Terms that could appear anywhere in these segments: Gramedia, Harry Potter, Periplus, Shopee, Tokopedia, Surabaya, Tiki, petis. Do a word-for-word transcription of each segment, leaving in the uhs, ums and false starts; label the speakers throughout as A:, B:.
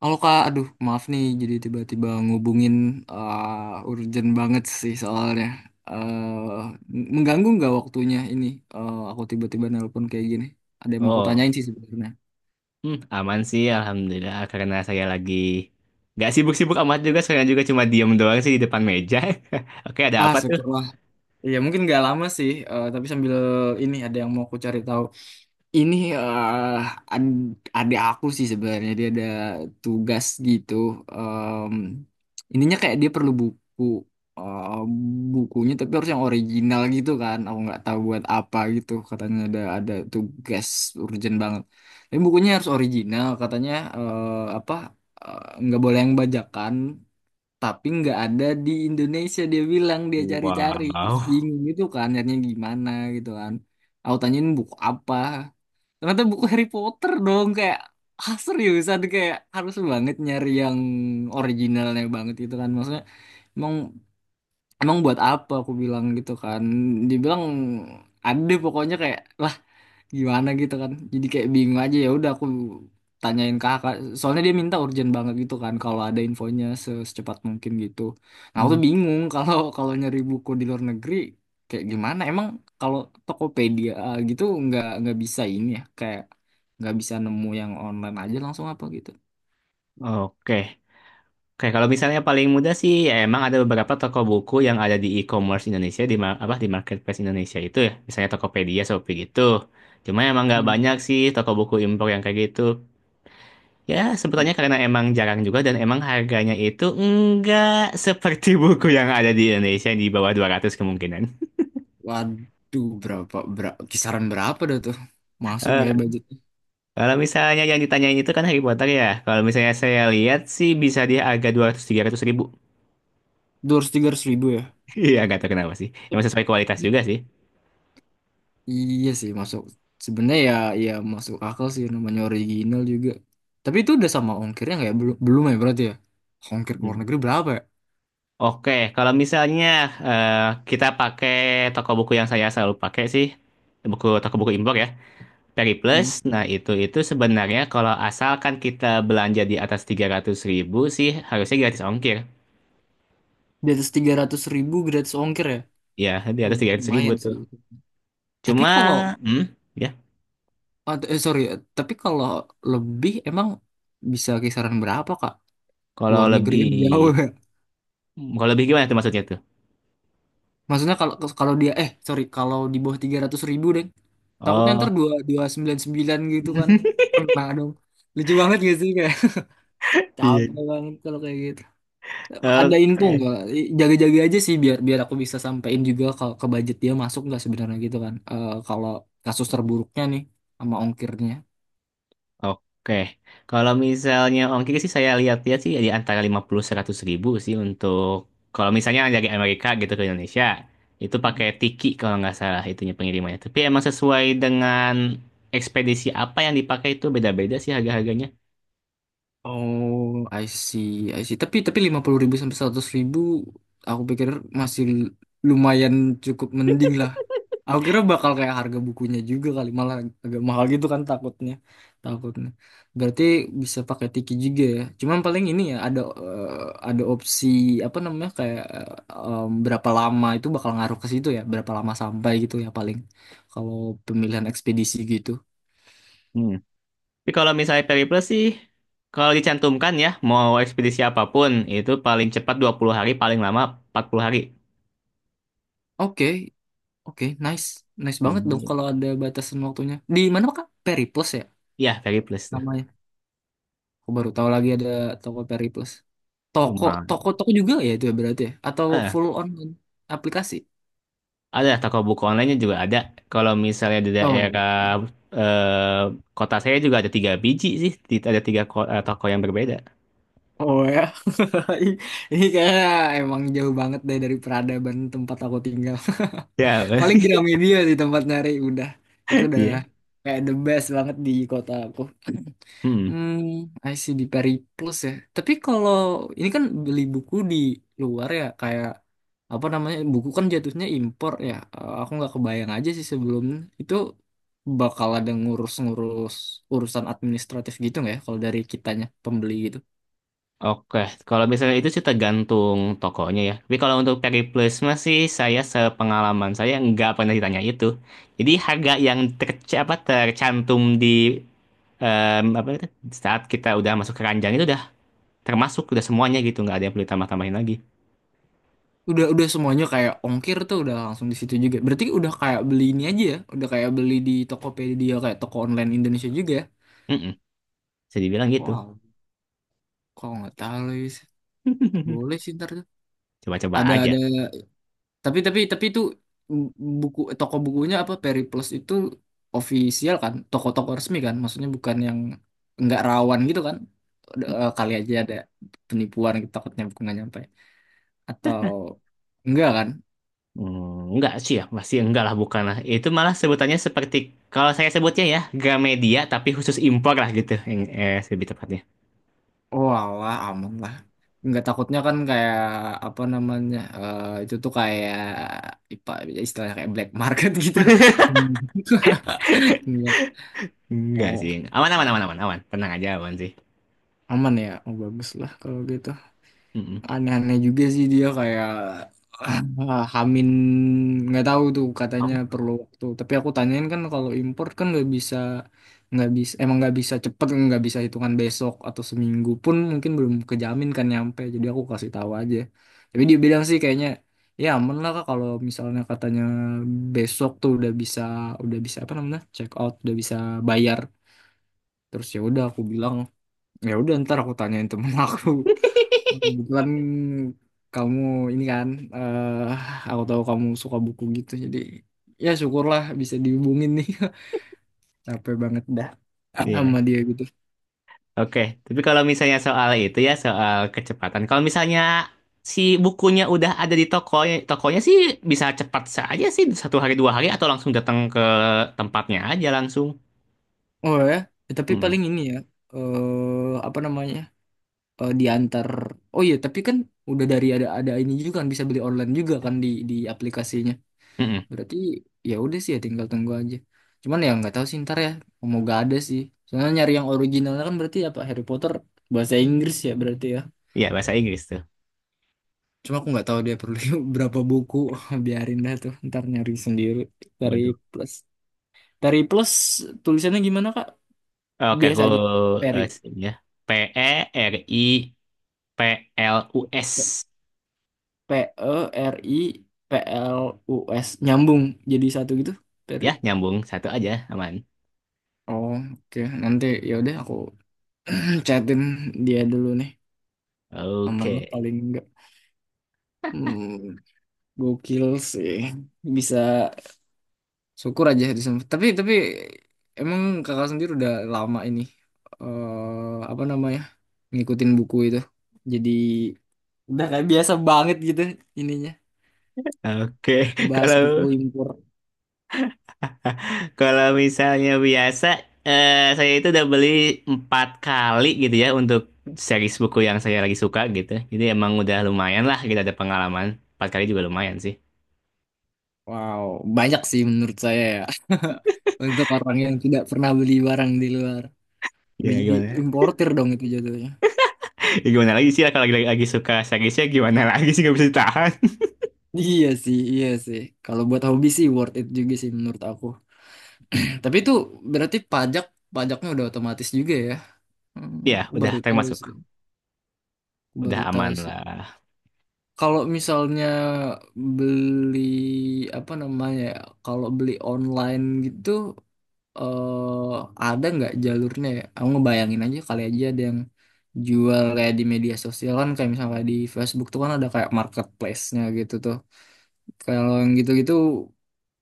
A: Halo Kak, aduh maaf nih jadi tiba-tiba ngubungin eh, urgent banget sih soalnya. eh Mengganggu nggak waktunya ini? Eh, aku tiba-tiba nelpon kayak gini. Ada yang mau aku
B: Oh,
A: tanyain sih sebenarnya.
B: hmm, aman sih, alhamdulillah. Karena saya lagi nggak sibuk-sibuk amat juga, sekarang juga cuma diem doang sih di depan meja. Oke, ada
A: Ah,
B: apa tuh?
A: syukurlah. Iya mungkin nggak lama sih, eh, tapi sambil ini ada yang mau aku cari tahu. Ini eh ad- Adik aku sih sebenarnya dia ada tugas gitu. Em, Ininya kayak dia perlu buku, eh, bukunya tapi harus yang original gitu kan. Aku nggak tahu buat apa gitu. Katanya ada ada tugas urgent banget. Tapi bukunya harus original. Katanya eh, apa, eh, nggak boleh yang bajakan. Tapi nggak ada di Indonesia, dia bilang dia cari-cari terus
B: Wow.
A: bingung gitu kan. Nyarinya gimana gitu kan. Aku tanyain buku apa, ternyata buku Harry Potter dong, kayak ah seriusan kayak harus banget nyari yang originalnya banget gitu kan, maksudnya emang emang buat apa aku bilang gitu kan, dibilang ada pokoknya kayak lah gimana gitu kan, jadi kayak bingung aja. Ya udah aku tanyain ke kakak soalnya dia minta urgent banget gitu kan, kalau ada infonya se- secepat mungkin gitu. Nah aku tuh
B: Hmm,
A: bingung kalau kalau nyari buku di luar negeri kayak gimana emang, kalau Tokopedia eh, gitu nggak nggak bisa ini ya, kayak nggak bisa nemu yang online aja langsung apa gitu.
B: Oke. Oke, kalau misalnya paling mudah sih, ya emang ada beberapa toko buku yang ada di e-commerce Indonesia, di ma- apa di marketplace Indonesia itu ya, misalnya Tokopedia, Shopee gitu. Cuma emang nggak
A: Hmm.
B: banyak sih toko buku impor yang kayak gitu. Ya, sebetulnya karena emang jarang juga dan emang harganya itu enggak seperti buku yang ada di Indonesia di bawah dua ratus kemungkinan.
A: Waduh, berapa, berapa kisaran berapa dah tuh? Masuk
B: Eh,
A: nggak ya budgetnya?
B: Kalau misalnya yang ditanyain itu kan Harry Potter ya. Kalau misalnya saya lihat sih bisa dia harga dua ratus tiga ratus ribu.
A: Dua ratus tiga ratus ribu ya?
B: Iya, nggak tahu kenapa sih. Emang sesuai kualitas juga sih.
A: Iya sih masuk sebenarnya ya, ya masuk akal sih namanya original juga. Tapi itu udah sama ongkirnya nggak ya? Belum belum ya berarti ya. Ongkir ke
B: Hmm.
A: luar negeri berapa ya?
B: Oke, kalau misalnya eh, kita pakai toko buku yang saya selalu pakai sih, buku toko buku impor ya. Periplus,
A: Hmm.
B: nah itu itu sebenarnya kalau asalkan kita belanja di atas tiga ratus ribu sih harusnya gratis ongkir.
A: Di atas tiga ratus gratis ongkir ya.
B: Ya, di atas
A: Lu-
B: tiga ratus ribu
A: Lumayan
B: tuh.
A: sih. Tapi kalau
B: Cuma, hmm, ya,
A: atau- eh sorry, eh, tapi kalau lebih emang bisa kisaran berapa Kak?
B: kalau
A: Luar negeri
B: lebih,
A: kan jauh ya.
B: kalau lebih gimana tuh maksudnya tuh?
A: Maksudnya kalau kalau dia eh sorry kalau di bawah tiga ratus deh. Takutnya ntar
B: Oh,
A: dua dua sembilan sembilan gitu kan. Kena dong. Lucu banget gak sih.
B: Iya.
A: Capek banget kalau kayak gitu. Ada info
B: Oke.
A: nggak? Jaga-jaga aja sih biar biar aku bisa sampein juga kalau ke budget dia masuk nggak sebenarnya gitu kan. Eh, kalau kasus terburuknya nih sama ongkirnya.
B: Oke, kalau misalnya ongkir sih saya lihat-lihat sih ya di antara lima puluh seratus ribu sih untuk kalau misalnya dari Amerika gitu ke Indonesia itu pakai Tiki kalau nggak salah itunya pengirimannya. Tapi emang sesuai dengan ekspedisi apa yang dipakai itu beda-beda sih harga-harganya.
A: Oh, I see, I see. Tapi tapi lima puluh ribu sampai seratus ribu aku pikir masih lumayan cukup mending lah. Aku kira bakal kayak harga bukunya juga kali, malah agak mahal gitu kan takutnya. Takutnya. Berarti bisa pakai Tiki juga ya. Cuman paling ini ya ada eh, ada opsi apa namanya kayak, eh, em, berapa lama itu bakal ngaruh ke situ ya, berapa lama sampai gitu ya, paling kalau pemilihan ekspedisi gitu.
B: Hmm. Tapi kalau misalnya Periplus sih kalau dicantumkan ya mau ekspedisi apapun itu paling cepat dua puluh hari paling lama empat puluh hari.
A: Oke, oke, nice. Nice banget dong
B: Ini
A: kalau ada batasan waktunya. Di mana Kak? Periplus ya
B: ya Periplus tuh.
A: namanya. Aku baru tahu lagi ada Tokopedia Plus. Toko,
B: Lumayan.
A: toko, toko juga ya itu ya berarti ya? Atau full online aplikasi?
B: Ada toko buku online-nya juga ada. Kalau misalnya di
A: Oh,
B: daerah
A: oke.
B: eh, kota saya juga ada tiga biji sih. Di- Ada tiga ko- eh, toko yang berbeda.
A: Oh ya. Ini ini kayaknya emang jauh banget deh dari peradaban tempat aku tinggal.
B: Ya,
A: Paling Gramedia sih tempat nyari udah. Itu udah
B: iya.
A: kayak the best banget di kota aku.
B: Hmm.
A: Hmm, I see, di Peri Plus ya. Tapi kalau ini kan beli buku di luar ya, kayak apa namanya, buku kan jatuhnya impor ya. Eh, Aku nggak kebayang aja sih sebelum itu bakal ada ngurus-ngurus urusan administratif gitu nggak ya? Kalau dari kitanya pembeli gitu.
B: Oke, kalau misalnya itu sih tergantung tokonya ya. Tapi kalau untuk Periplusma sih saya sepengalaman saya nggak pernah ditanya itu. Jadi harga yang terc- apa, tercantum di em, apa itu, saat kita udah masuk keranjang itu udah termasuk udah semuanya gitu nggak ada yang perlu ditambah-tambahin lagi.
A: Udah udah semuanya kayak ongkir tuh udah langsung di situ juga. Berarti udah kayak beli ini aja ya, udah kayak beli di Tokopedia, kayak toko online Indonesia juga ya.
B: Mm-mm, bisa dibilang gitu.
A: Wow, kok nggak tahu lagi sih. Boleh sih ntar tuh.
B: Coba-coba
A: Ada
B: aja.
A: ada. Tapi tapi tapi itu, mm, buku toko bukunya apa Periplus itu official kan, toko-toko resmi kan, maksudnya bukan yang nggak rawan gitu kan. Eh, Kali aja ada penipuan gitu, takutnya buku nggak nyampe atau enggak kan?
B: Hmm, enggak sih ya, masih enggak lah, bukan lah. Itu malah sebutannya seperti, kalau saya sebutnya ya, Gramedia, tapi khusus impor lah gitu. Yang, eh, lebih tepatnya.
A: Oh alah aman lah. Nggak takutnya kan kayak apa namanya, eh, itu tuh kayak ipa istilahnya kayak black market gitu. Enggak.
B: Enggak
A: Oh
B: sih. Aman, aman, aman, aman, aman. Tenang aja, aman sih.
A: aman ya, oh bagus lah kalau gitu.
B: Mm-mm.
A: Aneh-aneh juga sih dia kayak ah, Hamin nggak tahu tuh katanya
B: Om?
A: perlu waktu, tapi aku tanyain kan kalau import kan nggak bisa nggak bisa, emang nggak bisa cepet, nggak bisa hitungan besok atau seminggu pun mungkin belum kejamin kan nyampe, jadi aku kasih tahu aja. Tapi dia bilang sih kayaknya ya aman lah Kak, kalau misalnya katanya besok tuh udah bisa, udah bisa apa namanya check out, udah bisa bayar. Terus ya udah aku bilang ya udah ntar aku tanyain temen aku. Kebetulan kamu ini kan, eh aku tahu kamu suka buku gitu, jadi ya syukurlah bisa dihubungin nih. Capek banget dah
B: Iya.
A: sama dia gitu.
B: Oke, tapi kalau misalnya soal itu ya, soal kecepatan. Kalau misalnya si bukunya udah ada di tokonya, tokonya sih bisa cepat saja sih, satu hari dua hari, atau langsung datang ke tempatnya aja langsung.
A: Oh ya. Eh, tapi
B: Mm-mm.
A: paling ini ya, eh apa namanya, eh, diantar. Oh iya, tapi kan udah dari ada ada ini juga kan, bisa beli online juga kan di di aplikasinya.
B: Mm-mm.
A: Berarti ya udah sih ya, tinggal tunggu aja. Cuman ya nggak tahu sih ntar ya, mau gak ada sih. Soalnya nyari yang originalnya kan berarti apa, Harry Potter bahasa Inggris ya berarti ya.
B: Iya, bahasa Inggris tuh.
A: Cuma aku nggak tahu dia perlu berapa buku. Biarin dah tuh. Ntar nyari sendiri. Tari
B: Waduh.
A: Plus. Tari Plus tulisannya gimana, Kak?
B: Eh, Oke,
A: Biasa
B: aku
A: aja. Peri.
B: eh, sini ya. P E R I P L U S.
A: P E R I P L U S. Nyambung jadi satu gitu. Peri.
B: Ya, nyambung satu aja, aman.
A: Oh, oke. Nanti ya udah aku chatin dia dulu nih. Aman lah
B: Oke.
A: paling enggak. Hmm, gokil sih. Bisa syukur aja di sana. Tapi tapi emang kakak sendiri udah lama ini, eh apa namanya, ngikutin buku itu. Jadi udah kayak biasa banget gitu ininya
B: Oke.
A: ngebahas buku
B: Kalau
A: impor.
B: kalau misalnya biasa eh, saya itu udah beli empat kali gitu ya untuk series buku yang saya lagi suka gitu. Jadi emang udah lumayan lah kita ada pengalaman. Empat kali juga lumayan sih.
A: Wow, banyak sih menurut saya ya. Untuk orang yang tidak pernah beli barang di luar. Udah
B: Ya
A: jadi
B: gimana?
A: importir dong itu jatuhnya.
B: Ya, gimana lagi sih lah kalau lagi, lagi lagi suka seriesnya gimana lagi sih nggak bisa ditahan.
A: Iya sih, iya sih. Kalau buat hobi sih worth it juga sih menurut aku. Tapi itu berarti pajak pajaknya udah otomatis juga ya.
B: Ya,
A: Hmm, aku
B: udah
A: baru tahu
B: termasuk.
A: sih.
B: Udah
A: Baru
B: aman
A: tahu sih.
B: lah.
A: Kalau misalnya beli apa namanya ya, kalau beli online gitu, eh ada nggak jalurnya ya? Aku ngebayangin aja kali aja ada yang jual kayak di media sosial, kan kayak misalnya di Facebook tuh kan ada kayak marketplace-nya gitu tuh. Kalau yang gitu-gitu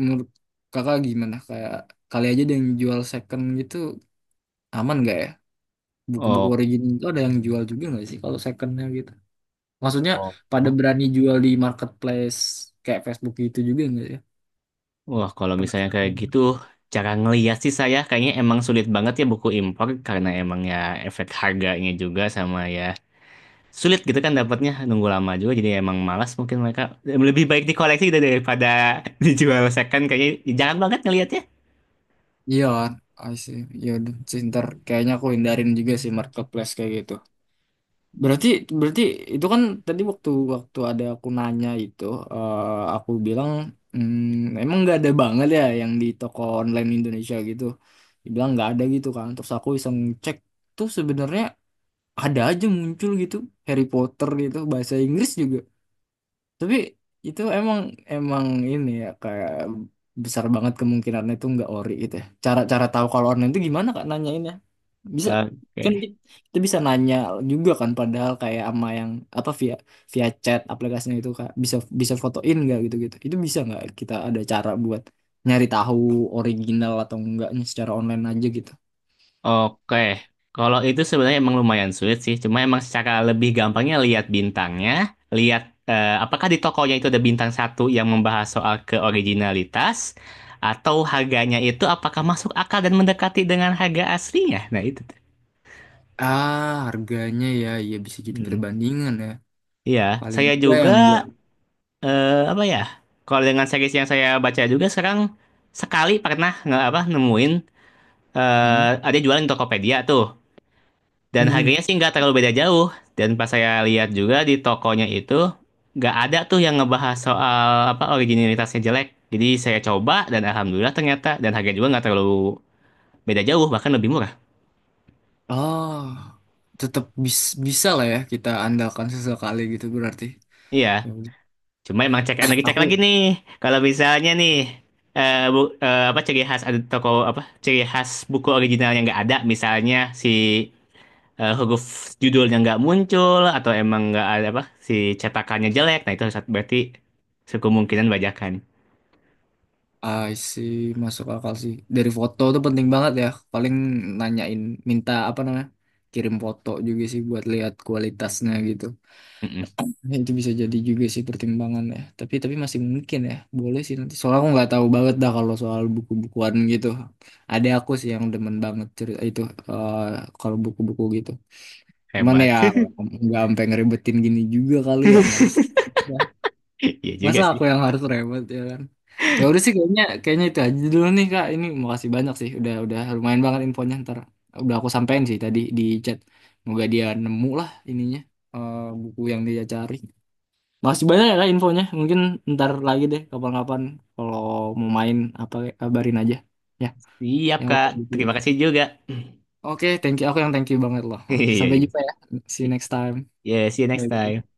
A: menurut kakak gimana? Kayak kali aja ada yang jual second gitu aman nggak ya? Buku-buku
B: Oh.
A: original itu ada yang jual juga nggak sih kalau secondnya gitu? Maksudnya
B: Oh.
A: pada berani jual di marketplace kayak Facebook gitu juga nggak ya?
B: Wah, kalau misalnya kayak
A: Pernah.
B: gitu, cara ngeliat sih saya kayaknya emang sulit banget ya buku impor karena emang ya efek harganya juga sama ya sulit gitu kan dapatnya nunggu lama juga jadi emang malas mungkin mereka lebih baik dikoleksi gitu daripada dijual second kayaknya jarang banget ngeliatnya.
A: Iya kan? I see. Ya udah sih, ntar kayaknya aku hindarin juga sih marketplace kayak gitu. Berarti berarti itu kan tadi waktu waktu ada aku nanya itu, eh, aku bilang, "Hmm, emang nggak ada banget ya yang di toko online Indonesia gitu." Dibilang nggak ada gitu kan. Terus aku iseng cek tuh sebenarnya ada aja muncul gitu, Harry Potter gitu bahasa Inggris juga. Tapi itu emang emang ini ya kayak besar banget kemungkinannya itu nggak ori gitu ya. Cara-cara tahu kalau online itu gimana Kak nanyainnya? Bisa kan,
B: Oke.
A: ki- kita bisa nanya juga kan, padahal kayak ama yang apa, via via chat aplikasinya itu Kak, bisa bisa fotoin nggak gitu-gitu. Itu bisa nggak kita ada cara buat nyari tahu original atau enggaknya secara online aja gitu.
B: Oke, kalau itu sebenarnya emang lumayan sulit sih. Cuma emang secara lebih gampangnya lihat bintangnya, lihat eh, apakah di tokonya itu ada bintang satu yang membahas soal keoriginalitas, atau harganya itu apakah masuk akal dan mendekati dengan harga aslinya. Nah itu tuh.
A: Ah, harganya ya, ya bisa jadi
B: Hmm.
A: perbandingan ya.
B: Iya,
A: Paling
B: saya
A: enggak
B: juga
A: yang enggak.
B: eh, apa ya? Kalau dengan series yang saya baca juga sekarang sekali pernah nggak apa nemuin eh ada jualan di Tokopedia tuh. Dan
A: Hmm.
B: harganya sih nggak terlalu beda jauh. Dan pas saya lihat juga di tokonya itu nggak ada tuh yang ngebahas soal apa originalitasnya jelek. Jadi saya coba dan alhamdulillah ternyata dan harganya juga nggak terlalu beda jauh bahkan lebih murah.
A: Oh, tetap bis- bisa lah ya kita andalkan sesekali gitu berarti.
B: Iya.
A: Ya udah.
B: Cuma emang cek lagi cek lagi
A: Aku
B: nih. Kalau misalnya nih eh, bu- eh, apa ciri khas ada toko apa ciri khas buku originalnya nggak ada misalnya si eh, huruf judulnya nggak muncul atau emang nggak ada apa si cetakannya jelek. Nah itu harus- berarti kemungkinan bajakan.
A: I see, masuk akal sih. Dari foto tuh penting banget ya. Paling nanyain minta apa namanya? Kirim foto juga sih buat lihat kualitasnya gitu.
B: Mm-mm,
A: Ya, itu bisa jadi juga sih pertimbangan ya. Tapi tapi masih mungkin ya. Boleh sih nanti. Soalnya aku nggak tahu banget dah kalau soal buku-bukuan gitu. Ada aku sih yang demen banget cerita itu, eh, kalau buku-buku gitu. Cuman
B: hebat.
A: ya nggak sampai ngeribetin gini juga kali ya, males. Ya.
B: Iya juga
A: Masa
B: sih.
A: aku yang harus ribet ya kan? Ya udah sih, kayaknya kayaknya itu aja dulu nih Kak. Ini makasih banyak sih, udah udah lumayan banget infonya, ntar udah aku sampein sih tadi di chat. Semoga dia nemu lah ininya, eh, buku yang dia cari. Makasih banyak ya Kak infonya. Mungkin ntar lagi deh kapan-kapan kalau mau main apa, kabarin aja ya.
B: Siap,
A: Yang aku
B: Kak.
A: cabut dulu.
B: Terima kasih juga.
A: Oke, thank you. Aku yang thank you banget loh. Oke,
B: Iya
A: sampai jumpa
B: juga.
A: ya. See you next time.
B: Yeah, see you next time.
A: Bye.